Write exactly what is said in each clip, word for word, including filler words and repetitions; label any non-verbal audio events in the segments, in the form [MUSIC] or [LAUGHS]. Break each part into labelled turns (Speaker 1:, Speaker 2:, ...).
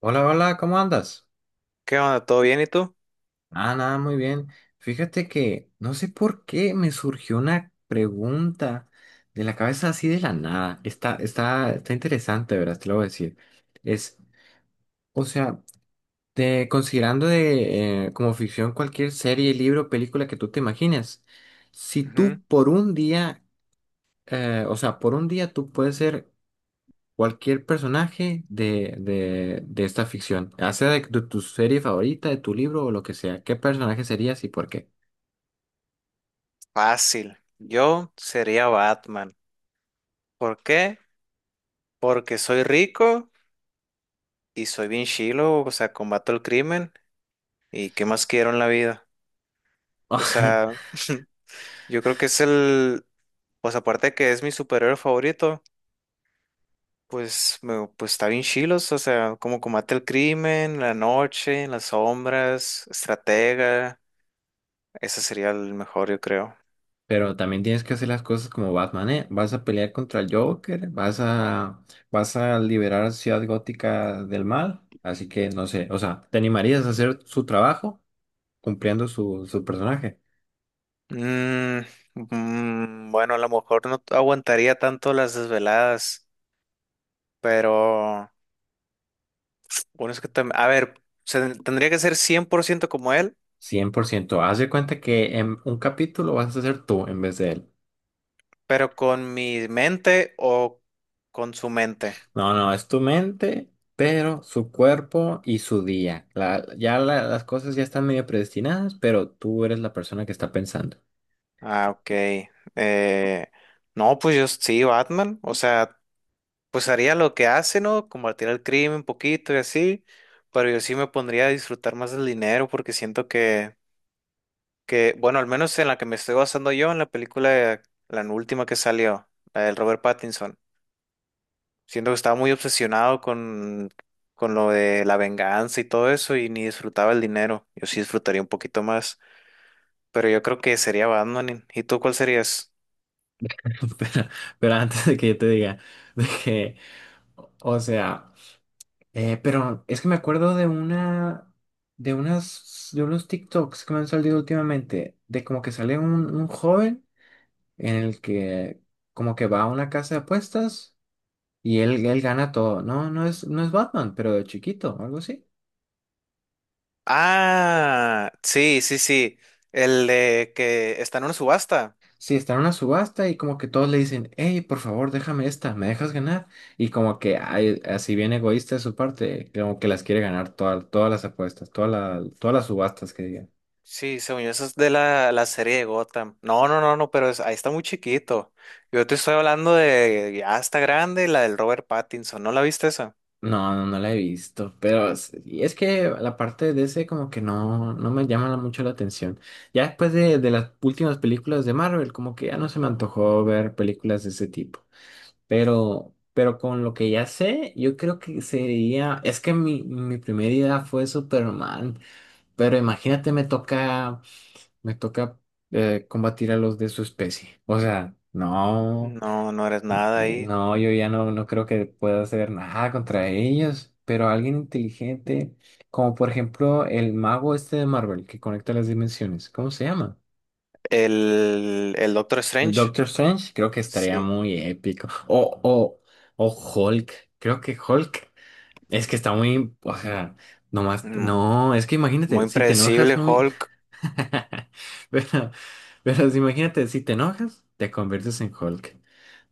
Speaker 1: Hola, hola, ¿cómo andas?
Speaker 2: ¿Qué onda? ¿Todo bien y tú?
Speaker 1: Ah, nada, muy bien. Fíjate que no sé por qué me surgió una pregunta de la cabeza así de la nada. Está, está, está interesante, ¿verdad? Te lo voy a decir. Es, o sea, te, considerando de, eh, como ficción cualquier serie, libro, película que tú te imagines, si
Speaker 2: Ujú.
Speaker 1: tú por un día, eh, o sea, por un día tú puedes ser cualquier personaje de, de, de esta ficción, ya sea de, de tu serie favorita, de tu libro o lo que sea, ¿qué personaje serías y por qué?
Speaker 2: Fácil. Yo sería Batman. ¿Por qué? Porque soy rico y soy bien chilo, o sea, combato el crimen y qué más quiero en la vida. O sea,
Speaker 1: [LAUGHS]
Speaker 2: [LAUGHS] yo creo que es el, pues aparte de que es mi superhéroe favorito, pues, me, pues está bien chilos, o sea, como combate el crimen, la noche, las sombras, estratega, ese sería el mejor, yo creo.
Speaker 1: Pero también tienes que hacer las cosas como Batman, ¿eh? Vas a pelear contra el Joker, vas a, vas a liberar a Ciudad Gótica del mal, así que no sé, o sea, ¿te animarías a hacer su trabajo cumpliendo su, su personaje?
Speaker 2: Mm, mm, bueno, a lo mejor no aguantaría tanto las desveladas, pero bueno, es que tam- a ver, se- tendría que ser cien por ciento como él,
Speaker 1: Cien por ciento. Haz de cuenta que en un capítulo vas a ser tú en vez de él.
Speaker 2: pero con mi mente o con su mente.
Speaker 1: No, no, es tu mente, pero su cuerpo y su día. La- ya la- las cosas ya están medio predestinadas, pero tú eres la persona que está pensando.
Speaker 2: Ah, ok. Eh, no, pues yo sí, Batman, o sea, pues haría lo que hace, ¿no? Combatir el crimen un poquito y así, pero yo sí me pondría a disfrutar más del dinero porque siento que Que, bueno, al menos en la que me estoy basando yo, en la película, la última que salió, la del Robert Pattinson. Siento que estaba muy obsesionado con, con lo de la venganza y todo eso y ni disfrutaba el dinero. Yo sí disfrutaría un poquito más, pero yo creo que sería Batman. ¿Y tú cuál serías?
Speaker 1: [LAUGHS] Pero, pero antes de que yo te diga, [LAUGHS] de que, o sea, eh, pero es que me acuerdo de una, de unas, de unos TikToks que me han salido últimamente, de como que sale un, un joven en el que como que va a una casa de apuestas y él, él gana todo. No, no es, no es Batman, pero de chiquito, algo así.
Speaker 2: Ah, sí, sí, sí. El de que está en una subasta.
Speaker 1: Sí, está en una subasta y como que todos le dicen, hey, por favor, déjame esta, ¿me dejas ganar? Y como que ay, así bien egoísta de su parte, como que las quiere ganar todas, todas las apuestas, todas la- todas las subastas que digan.
Speaker 2: Sí, según yo, eso es de la, la serie de Gotham. No, no, no, no, pero es- ahí está muy chiquito. Yo te estoy hablando de ya está grande, la del Robert Pattinson. ¿No la viste esa?
Speaker 1: No, no, no la he visto, pero es y es que la parte de ese como que no, no me llama mucho la atención. Ya después de, de las últimas películas de Marvel, como que ya no se me antojó ver películas de ese tipo. Pero, pero con lo que ya sé, yo creo que sería, es que mi, mi primera idea fue Superman. Pero imagínate, me toca, me toca eh, combatir a los de su especie. O sea, no,
Speaker 2: No, no eres nada
Speaker 1: eh,
Speaker 2: ahí.
Speaker 1: no, yo ya no, no creo que pueda hacer nada contra ellos. Pero alguien inteligente, como por ejemplo el mago este de Marvel que conecta las dimensiones, ¿cómo se llama?
Speaker 2: El, el Doctor
Speaker 1: El
Speaker 2: Strange.
Speaker 1: Doctor Strange, creo que estaría
Speaker 2: Sí.
Speaker 1: muy épico. O, o, o Hulk, creo que Hulk es que está muy, o sea, nomás,
Speaker 2: Mm,
Speaker 1: no, es que
Speaker 2: muy
Speaker 1: imagínate, si te enojas
Speaker 2: impredecible,
Speaker 1: muy.
Speaker 2: Hulk.
Speaker 1: [LAUGHS] Pero, pero si imagínate, si te enojas, te conviertes en Hulk.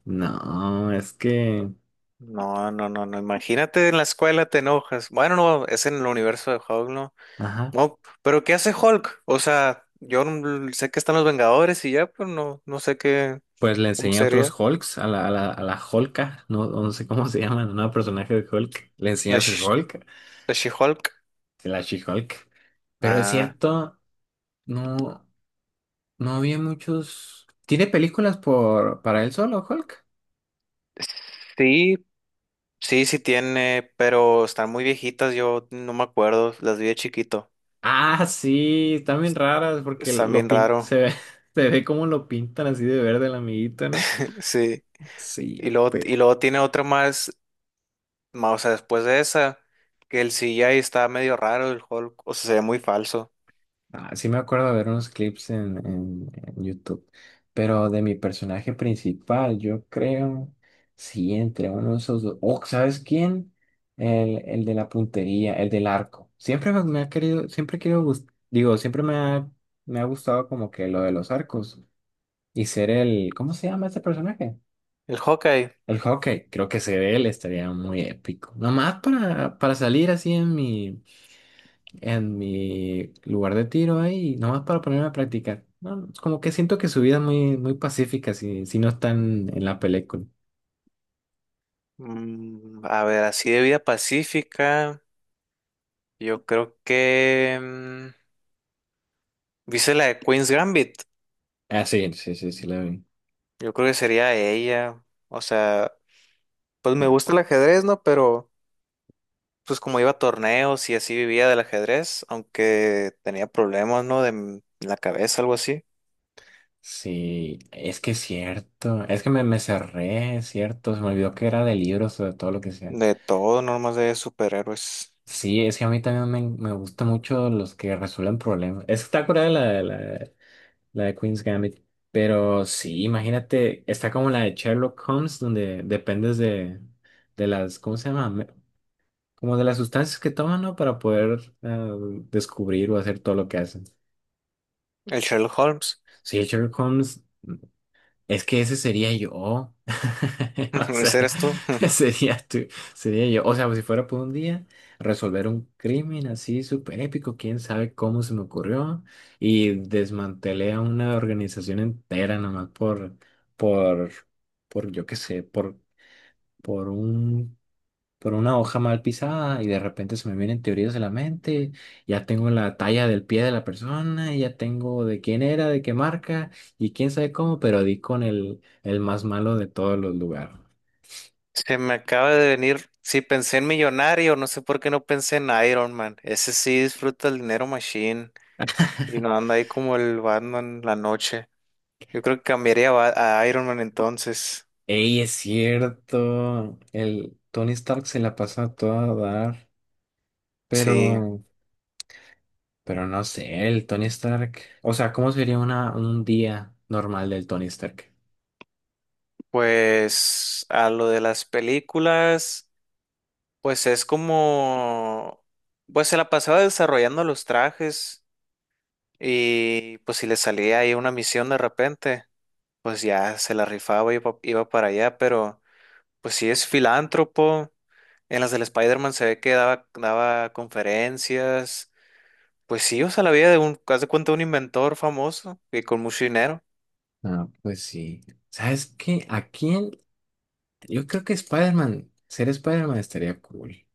Speaker 1: No, es que,
Speaker 2: No, no, no, no. Imagínate en la escuela te enojas. Bueno, no, es en el universo de Hulk, ¿no?
Speaker 1: ajá,
Speaker 2: No, pero ¿qué hace Hulk? O sea, yo no- sé que están los Vengadores y ya, pero no, no sé qué,
Speaker 1: pues le
Speaker 2: cómo
Speaker 1: enseñé a otros
Speaker 2: sería
Speaker 1: Hulks, a la, a la, a la Hulka, no, no sé cómo se llama, no, personaje de Hulk. Le enseñé
Speaker 2: la,
Speaker 1: a ser
Speaker 2: Sh-
Speaker 1: Hulk,
Speaker 2: la She-Hulk.
Speaker 1: la She-Hulk. Pero es
Speaker 2: Ah,
Speaker 1: cierto, no, no había muchos. ¿Tiene películas por, para él solo, Hulk?
Speaker 2: sí, sí, sí tiene, pero están muy viejitas, yo no me acuerdo, las vi de chiquito.
Speaker 1: Ah, sí, están bien raras porque
Speaker 2: Están
Speaker 1: lo
Speaker 2: bien
Speaker 1: pin...
Speaker 2: raro,
Speaker 1: se ve, [LAUGHS] se ve cómo lo pintan así de verde el amiguito, ¿no?
Speaker 2: [LAUGHS] sí. Y
Speaker 1: Sí,
Speaker 2: luego, y
Speaker 1: pues.
Speaker 2: luego tiene otra más, ma- o sea, después de esa, que el C G I está medio raro, el Hulk, o sea, se ve muy falso.
Speaker 1: Ah, sí me acuerdo de ver unos clips en, en- en YouTube, pero de mi personaje principal, yo creo, sí, entre uno de esos dos. Oh, ¿sabes quién? El, el de la puntería, el del arco. Siempre me me ha querido, siempre quiero, gust- digo, siempre me ha, me ha gustado como que lo de los arcos y ser el, ¿cómo se llama este personaje?
Speaker 2: El Hawkeye,
Speaker 1: El hockey, creo que ser él estaría muy épico. Nomás para, para salir así en mi en mi lugar de tiro ahí, nomás para ponerme a practicar. No, como que siento que su vida es muy, muy pacífica si, si no están en la película.
Speaker 2: mm, a ver, así de vida pacífica, yo creo que... mm, ¿viste la de Queen's Gambit?
Speaker 1: Ah, sí, sí, sí, sí, la vi.
Speaker 2: Yo creo que sería ella, o sea, pues me gusta el ajedrez, ¿no? Pero... pues como iba a torneos y así vivía del ajedrez, aunque tenía problemas, ¿no? De m- la cabeza, algo así.
Speaker 1: Sí, es que es cierto. Es que me, me cerré, es cierto. Se me olvidó que era de libros o de todo lo que sea.
Speaker 2: De todo, no más de superhéroes.
Speaker 1: Sí, es que a mí también me, me gustan mucho los que resuelven problemas. Es que está curada la, la, la de Queen's Gambit. Pero sí, imagínate, está como la de Sherlock Holmes, donde dependes de, de las, ¿cómo se llama? Me- como de las sustancias que toman, ¿no? Para poder eh, descubrir o hacer todo lo que hacen.
Speaker 2: El Sherlock Holmes,
Speaker 1: Sí, Sherlock Holmes. Es que ese sería yo. [LAUGHS] O
Speaker 2: [LAUGHS]
Speaker 1: sea,
Speaker 2: ese eres tú.
Speaker 1: [LAUGHS]
Speaker 2: [LAUGHS]
Speaker 1: sería tú, sería yo. O sea, pues, si fuera por un día, resolver un crimen así súper épico, quién sabe cómo se me ocurrió. Y desmantelé a una organización entera nomás por, por, por, yo qué sé, por, por un por una hoja mal pisada y de repente se me vienen teorías de la mente, ya tengo la talla del pie de la persona, y ya tengo de quién era, de qué marca y quién sabe cómo, pero di con el, el más malo de todos los lugares.
Speaker 2: Se me acaba de venir, sí pensé en Millonario, no sé por qué no pensé en Iron Man. Ese sí disfruta el dinero machine y no anda ahí como el Batman la noche. Yo creo que cambiaría a, Ba- a Iron Man entonces.
Speaker 1: Ey, es cierto, el Tony Stark se la pasa a todo a dar,
Speaker 2: Sí,
Speaker 1: pero, pero no sé, el Tony Stark, o sea, ¿cómo sería una, un día normal del Tony Stark?
Speaker 2: pues a lo de las películas. Pues es como, pues se la pasaba desarrollando los trajes y pues si le salía ahí una misión de repente, pues ya se la rifaba y iba, iba para allá, pero pues sí es filántropo, en las del Spider-Man se ve que daba, daba conferencias, pues sí, o sea, la vida de un, haz de cuenta, un inventor famoso y con mucho dinero,
Speaker 1: Ah, pues sí. ¿Sabes qué? Aquí yo creo que Spider-Man, ser Spider-Man estaría cool.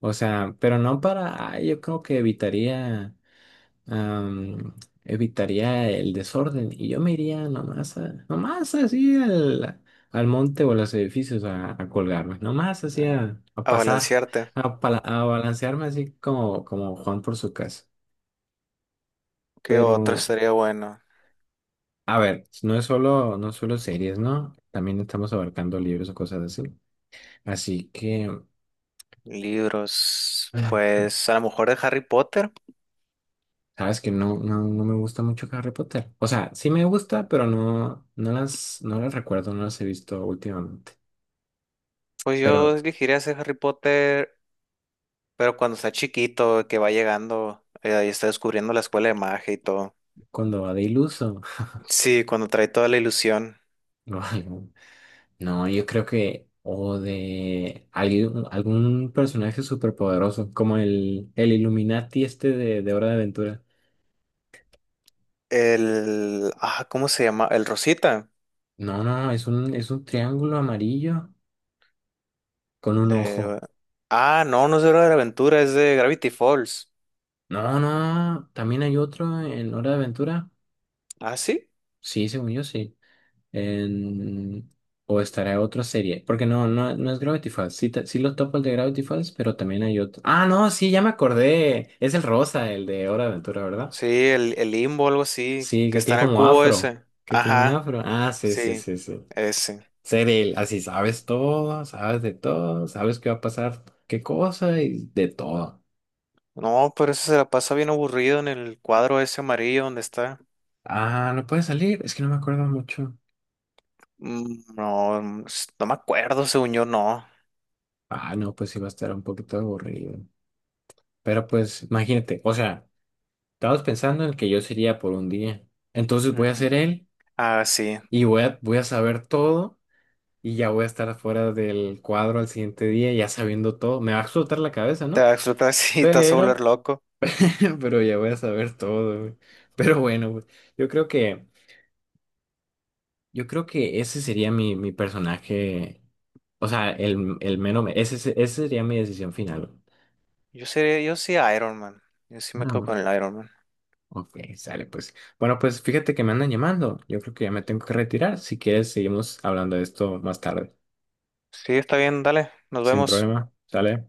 Speaker 1: O sea, pero no para, ay, yo creo que evitaría, am, evitaría el desorden y yo me iría nomás, a- nomás así al, al monte o a los edificios a, a colgarme, nomás así a, a
Speaker 2: a
Speaker 1: pasar,
Speaker 2: balancearte.
Speaker 1: a, pala- a balancearme así como, como Juan por su casa.
Speaker 2: ¿Qué otro
Speaker 1: Pero,
Speaker 2: estaría bueno?
Speaker 1: a ver, no es solo, no es solo series, ¿no? También estamos abarcando libros o cosas así. Así que...
Speaker 2: Libros,
Speaker 1: [SIGHS]
Speaker 2: pues a lo mejor de Harry Potter.
Speaker 1: Sabes que no, no, no me gusta mucho Harry Potter. O sea, sí me gusta, pero no, no las, no las recuerdo, no las he visto últimamente.
Speaker 2: Pues
Speaker 1: Pero
Speaker 2: yo elegiría ser Harry Potter. Pero cuando está chiquito, que va llegando, eh, y está descubriendo la escuela de magia y todo.
Speaker 1: cuando va de iluso
Speaker 2: Sí, cuando trae toda la ilusión.
Speaker 1: [LAUGHS] o algo, no, yo creo que, o de algún, algún personaje superpoderoso, como el, el Illuminati este de, de Hora de Aventura.
Speaker 2: El, ah, ¿cómo se llama? El Rosita.
Speaker 1: No, no, es un, es un triángulo amarillo con un ojo.
Speaker 2: De, ah, no, no es de Hora de la Aventura, es de Gravity Falls.
Speaker 1: No, no, también hay otro en Hora de Aventura.
Speaker 2: Ah, sí.
Speaker 1: Sí, según yo, sí. En- o estará otra serie, porque no, no, no es Gravity Falls. Sí, ta- sí lo topo el de Gravity Falls, pero también hay otro. Ah, no, sí, ya me acordé. Es el rosa, el de Hora de Aventura, ¿verdad?
Speaker 2: Sí, el, el Limbo, algo así,
Speaker 1: Sí,
Speaker 2: que
Speaker 1: que
Speaker 2: está
Speaker 1: tiene
Speaker 2: en el
Speaker 1: como
Speaker 2: cubo
Speaker 1: afro,
Speaker 2: ese.
Speaker 1: que tiene un
Speaker 2: Ajá,
Speaker 1: afro. Ah, sí, sí,
Speaker 2: sí,
Speaker 1: sí, sí.
Speaker 2: ese.
Speaker 1: Ser él, así sabes todo, sabes de todo, sabes qué va a pasar, qué cosa y de todo.
Speaker 2: No, pero ese se la pasa bien aburrido en el cuadro ese amarillo donde está.
Speaker 1: Ah, no puede salir, es que no me acuerdo mucho.
Speaker 2: Mm, no, mm, s- no me acuerdo, según yo, no.
Speaker 1: Ah, no, pues sí va a estar un poquito aburrido. Pero pues, imagínate, o sea. Estabas pensando en el que yo sería por un día. Entonces voy a
Speaker 2: Ujú.
Speaker 1: ser él
Speaker 2: Ah, sí.
Speaker 1: y voy a, voy a saber todo y ya voy a estar fuera del cuadro al siguiente día, ya sabiendo todo. Me va a explotar la cabeza,
Speaker 2: Te
Speaker 1: ¿no?
Speaker 2: va a explotar [LAUGHS] si te vas a volver
Speaker 1: Pero,
Speaker 2: loco.
Speaker 1: [LAUGHS] pero ya voy a saber todo, güey. Pero bueno, güey, yo creo que, yo creo que ese sería mi, mi personaje. O sea, el, el menos, ese, ese ese sería mi decisión final, güey.
Speaker 2: Yo seré, yo sí Iron Man. Yo sí
Speaker 1: Ah,
Speaker 2: me quedo
Speaker 1: no.
Speaker 2: con el Iron Man.
Speaker 1: Ok, sale pues. Bueno, pues fíjate que me andan llamando. Yo creo que ya me tengo que retirar. Si quieres, seguimos hablando de esto más tarde.
Speaker 2: Sí, está bien, dale, nos
Speaker 1: Sin
Speaker 2: vemos.
Speaker 1: problema, sale.